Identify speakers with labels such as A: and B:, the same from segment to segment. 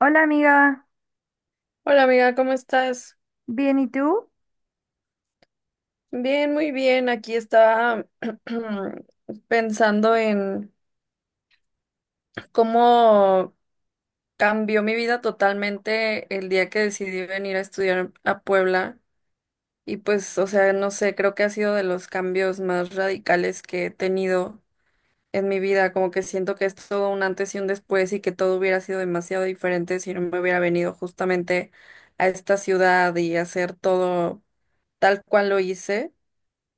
A: Hola amiga,
B: Hola amiga, ¿cómo estás?
A: ¿bien y tú?
B: Bien, muy bien. Aquí estaba pensando en cómo cambió mi vida totalmente el día que decidí venir a estudiar a Puebla. Y pues, o sea, no sé, creo que ha sido de los cambios más radicales que he tenido en mi vida. Como que siento que es todo un antes y un después y que todo hubiera sido demasiado diferente si no me hubiera venido justamente a esta ciudad y hacer todo tal cual lo hice.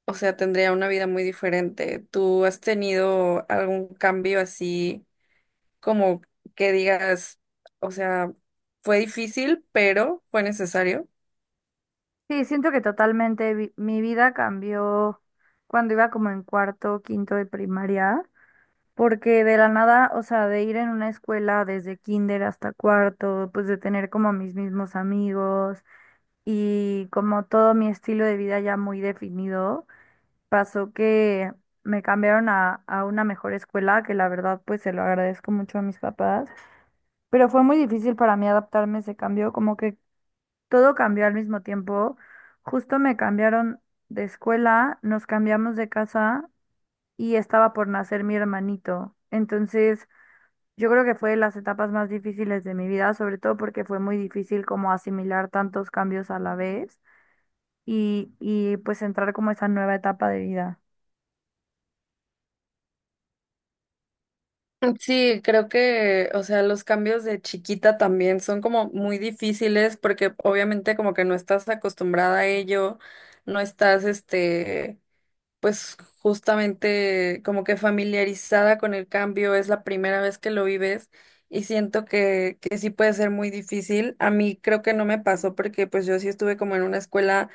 B: O sea, tendría una vida muy diferente. ¿Tú has tenido algún cambio así como que digas, o sea, fue difícil, pero fue necesario?
A: Sí, siento que totalmente mi vida cambió cuando iba como en cuarto, quinto de primaria, porque de la nada, o sea, de ir en una escuela desde kinder hasta cuarto, pues de tener como mis mismos amigos y como todo mi estilo de vida ya muy definido, pasó que me cambiaron a una mejor escuela, que la verdad pues se lo agradezco mucho a mis papás, pero fue muy difícil para mí adaptarme a ese cambio, como que todo cambió al mismo tiempo. Justo me cambiaron de escuela, nos cambiamos de casa y estaba por nacer mi hermanito. Entonces, yo creo que fue de las etapas más difíciles de mi vida, sobre todo porque fue muy difícil como asimilar tantos cambios a la vez y pues entrar como a esa nueva etapa de vida.
B: Sí, creo que, o sea, los cambios de chiquita también son como muy difíciles porque obviamente como que no estás acostumbrada a ello, no estás, este, pues justamente como que familiarizada con el cambio, es la primera vez que lo vives y siento que sí puede ser muy difícil. A mí creo que no me pasó porque pues yo sí estuve como en una escuela,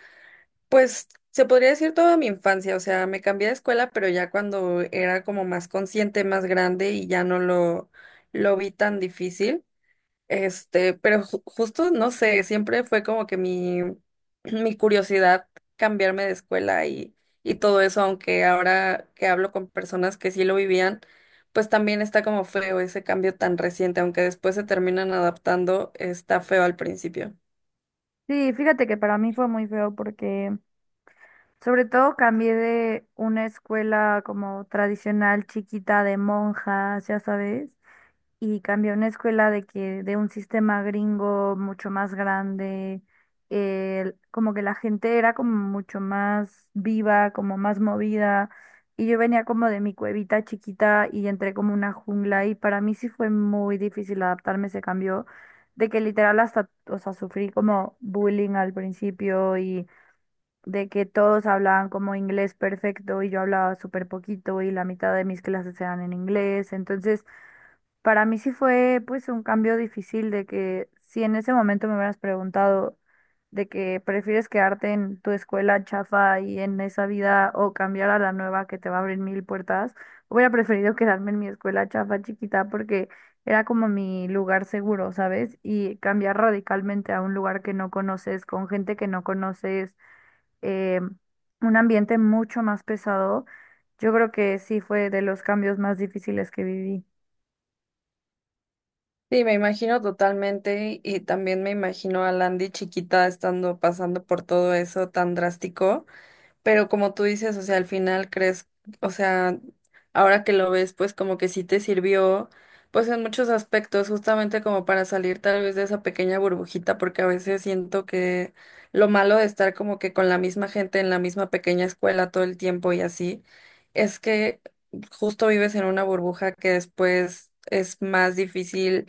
B: pues se podría decir toda mi infancia. O sea, me cambié de escuela, pero ya cuando era como más consciente, más grande y ya no lo vi tan difícil. Este, pero justo, no sé, siempre fue como que mi curiosidad cambiarme de escuela y todo eso, aunque ahora que hablo con personas que sí lo vivían, pues también está como feo ese cambio tan reciente, aunque después se terminan adaptando, está feo al principio.
A: Sí, fíjate que para mí fue muy feo porque sobre todo cambié de una escuela como tradicional chiquita de monjas, ya sabes, y cambié a una escuela de que de un sistema gringo mucho más grande. Como que la gente era como mucho más viva, como más movida, y yo venía como de mi cuevita chiquita y entré como una jungla, y para mí sí fue muy difícil adaptarme a ese cambio, de que literal hasta, o sea, sufrí como bullying al principio, y de que todos hablaban como inglés perfecto y yo hablaba súper poquito y la mitad de mis clases eran en inglés, entonces... Para mí sí fue pues un cambio difícil, de que si en ese momento me hubieras preguntado de que prefieres quedarte en tu escuela chafa y en esa vida o cambiar a la nueva que te va a abrir mil puertas, hubiera preferido quedarme en mi escuela chafa chiquita porque era como mi lugar seguro, ¿sabes? Y cambiar radicalmente a un lugar que no conoces, con gente que no conoces, eh, un ambiente mucho más pesado, yo creo que sí fue de los cambios más difíciles que viví.
B: Sí, me imagino totalmente y también me imagino a Landy chiquita estando pasando por todo eso tan drástico. Pero como tú dices, o sea, al final crees, o sea, ahora que lo ves, pues como que sí te sirvió, pues en muchos aspectos, justamente como para salir tal vez de esa pequeña burbujita, porque a veces siento que lo malo de estar como que con la misma gente en la misma pequeña escuela todo el tiempo y así, es que justo vives en una burbuja que después es más difícil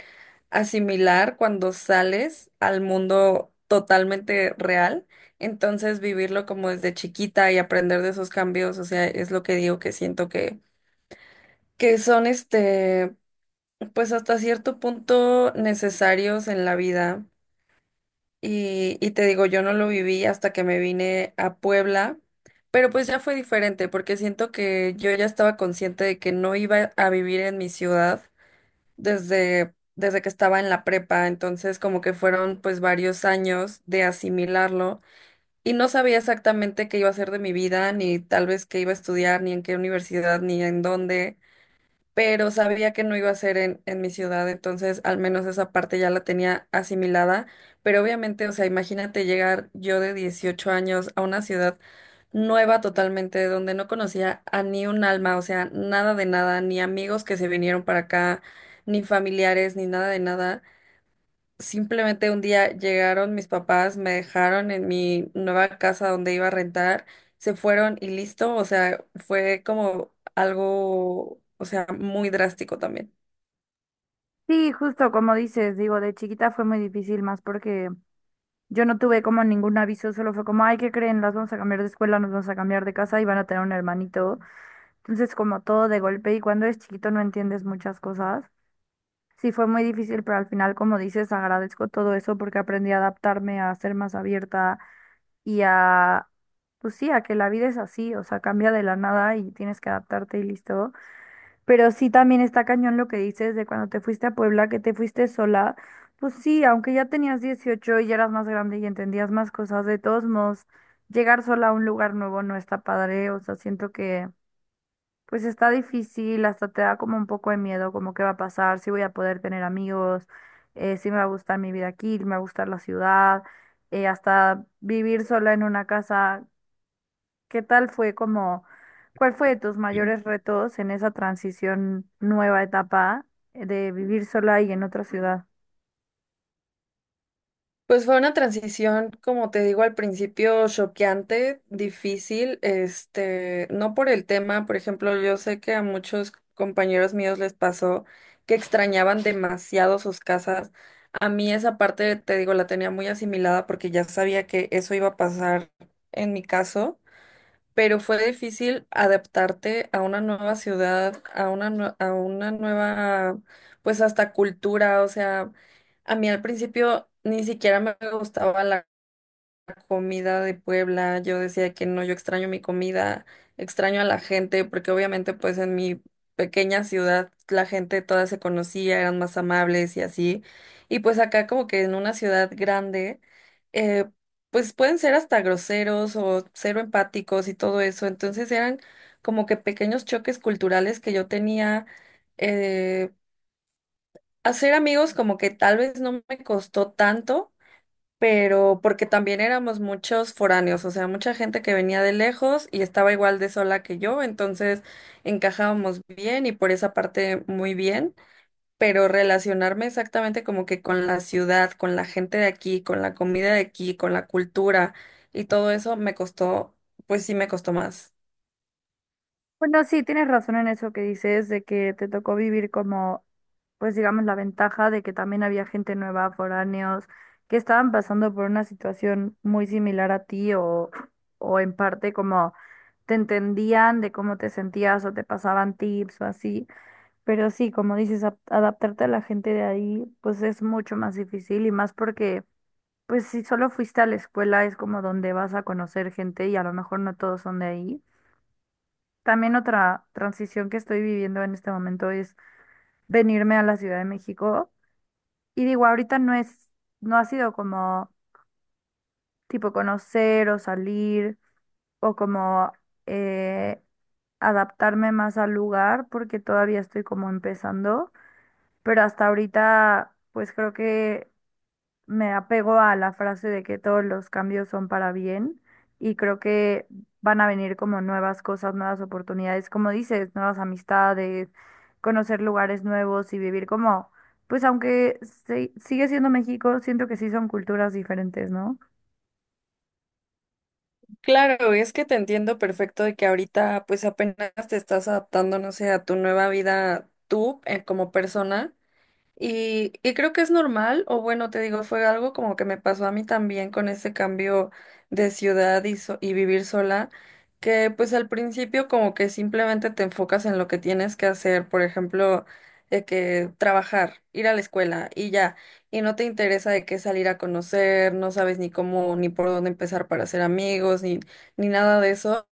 B: asimilar cuando sales al mundo totalmente real. Entonces, vivirlo como desde chiquita y aprender de esos cambios, o sea, es lo que digo que siento que son pues hasta cierto punto necesarios en la vida. Y te digo, yo no lo viví hasta que me vine a Puebla, pero pues ya fue diferente porque siento que yo ya estaba consciente de que no iba a vivir en mi ciudad desde que estaba en la prepa. Entonces, como que fueron pues varios años de asimilarlo. Y no sabía exactamente qué iba a hacer de mi vida, ni tal vez qué iba a estudiar, ni en qué universidad, ni en dónde, pero sabía que no iba a ser en mi ciudad, entonces al menos esa parte ya la tenía asimilada, pero obviamente, o sea, imagínate llegar yo de 18 años a una ciudad nueva totalmente, donde no conocía a ni un alma, o sea, nada de nada, ni amigos que se vinieron para acá, ni familiares, ni nada de nada. Simplemente un día llegaron mis papás, me dejaron en mi nueva casa donde iba a rentar, se fueron y listo. O sea, fue como algo, o sea, muy drástico también.
A: Sí, justo como dices, digo, de chiquita fue muy difícil más porque yo no tuve como ningún aviso, solo fue como, ay, ¿qué creen? Las vamos a cambiar de escuela, nos vamos a cambiar de casa y van a tener un hermanito. Entonces, como todo de golpe, y cuando eres chiquito no entiendes muchas cosas. Sí, fue muy difícil, pero al final, como dices, agradezco todo eso porque aprendí a adaptarme, a ser más abierta y a, pues sí, a que la vida es así, o sea, cambia de la nada y tienes que adaptarte y listo. Pero sí también está cañón lo que dices de cuando te fuiste a Puebla, que te fuiste sola. Pues sí, aunque ya tenías 18 y ya eras más grande y entendías más cosas, de todos modos, llegar sola a un lugar nuevo no está padre. O sea, siento que pues está difícil, hasta te da como un poco de miedo, como qué va a pasar, si voy a poder tener amigos, si me va a gustar mi vida aquí, me va a gustar la ciudad, hasta vivir sola en una casa. ¿Qué tal fue como, cuál fue de tus mayores retos en esa transición nueva etapa, de vivir sola y en otra ciudad?
B: Pues fue una transición, como te digo al principio, choqueante, difícil, este, no por el tema, por ejemplo, yo sé que a muchos compañeros míos les pasó que extrañaban demasiado sus casas. A mí esa parte, te digo, la tenía muy asimilada porque ya sabía que eso iba a pasar en mi caso, pero fue difícil adaptarte a una nueva ciudad, a una, a una nueva, pues hasta cultura. O sea, a mí al principio ni siquiera me gustaba la comida de Puebla, yo decía que no, yo extraño mi comida, extraño a la gente, porque obviamente pues en mi pequeña ciudad la gente toda se conocía, eran más amables y así, y pues acá como que en una ciudad grande, eh, pues pueden ser hasta groseros o cero empáticos y todo eso, entonces eran como que pequeños choques culturales que yo tenía, eh, hacer amigos como que tal vez no me costó tanto, pero porque también éramos muchos foráneos, o sea, mucha gente que venía de lejos y estaba igual de sola que yo, entonces encajábamos bien y por esa parte muy bien, pero relacionarme exactamente como que con la ciudad, con la gente de aquí, con la comida de aquí, con la cultura y todo eso me costó, pues sí me costó más.
A: Bueno, sí, tienes razón en eso que dices, de que te tocó vivir como, pues digamos, la ventaja de que también había gente nueva, foráneos, que estaban pasando por una situación muy similar a ti, o en parte como te entendían de cómo te sentías o te pasaban tips o así. Pero sí, como dices, adaptarte a la gente de ahí, pues es mucho más difícil y más porque, pues si solo fuiste a la escuela es como donde vas a conocer gente y a lo mejor no todos son de ahí. También otra transición que estoy viviendo en este momento es venirme a la Ciudad de México. Y digo, ahorita no es, no ha sido como tipo conocer o salir o como eh, adaptarme más al lugar porque todavía estoy como empezando, pero hasta ahorita, pues creo que me apego a la frase de que todos los cambios son para bien, y creo que van a venir como nuevas cosas, nuevas oportunidades, como dices, nuevas amistades, conocer lugares nuevos y vivir como, pues aunque sigue siendo México, siento que sí son culturas diferentes, ¿no?
B: Claro, es que te entiendo perfecto de que ahorita pues apenas te estás adaptando, no sé, a tu nueva vida tú, como persona. Y creo que es normal, o bueno, te digo, fue algo como que me pasó a mí también con ese cambio de ciudad y y vivir sola, que pues al principio como que simplemente te enfocas en lo que tienes que hacer, por ejemplo, de que trabajar, ir a la escuela y ya, y no te interesa de qué salir a conocer, no sabes ni cómo ni por dónde empezar para hacer amigos, ni, ni nada de eso.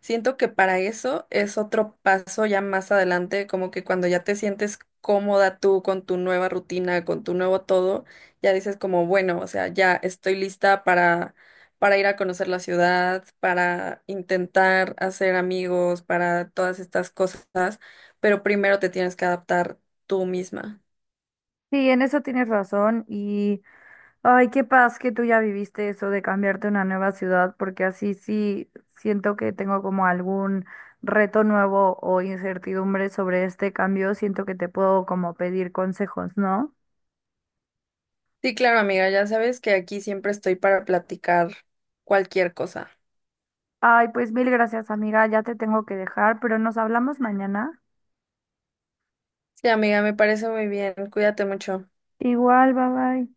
B: Siento que para eso es otro paso ya más adelante, como que cuando ya te sientes cómoda tú con tu nueva rutina, con tu nuevo todo, ya dices como, bueno, o sea, ya estoy lista para ir a conocer la ciudad, para intentar hacer amigos, para todas estas cosas, pero primero te tienes que adaptar tú misma.
A: Sí, en eso tienes razón. Y ay, qué paz que tú ya viviste eso de cambiarte a una nueva ciudad, porque así sí siento que tengo como algún reto nuevo o incertidumbre sobre este cambio. Siento que te puedo como pedir consejos, ¿no?
B: Sí, claro, amiga, ya sabes que aquí siempre estoy para platicar cualquier cosa.
A: Ay, pues mil gracias, amiga. Ya te tengo que dejar, pero nos hablamos mañana.
B: Sí, amiga, me parece muy bien. Cuídate mucho.
A: Igual, bye bye.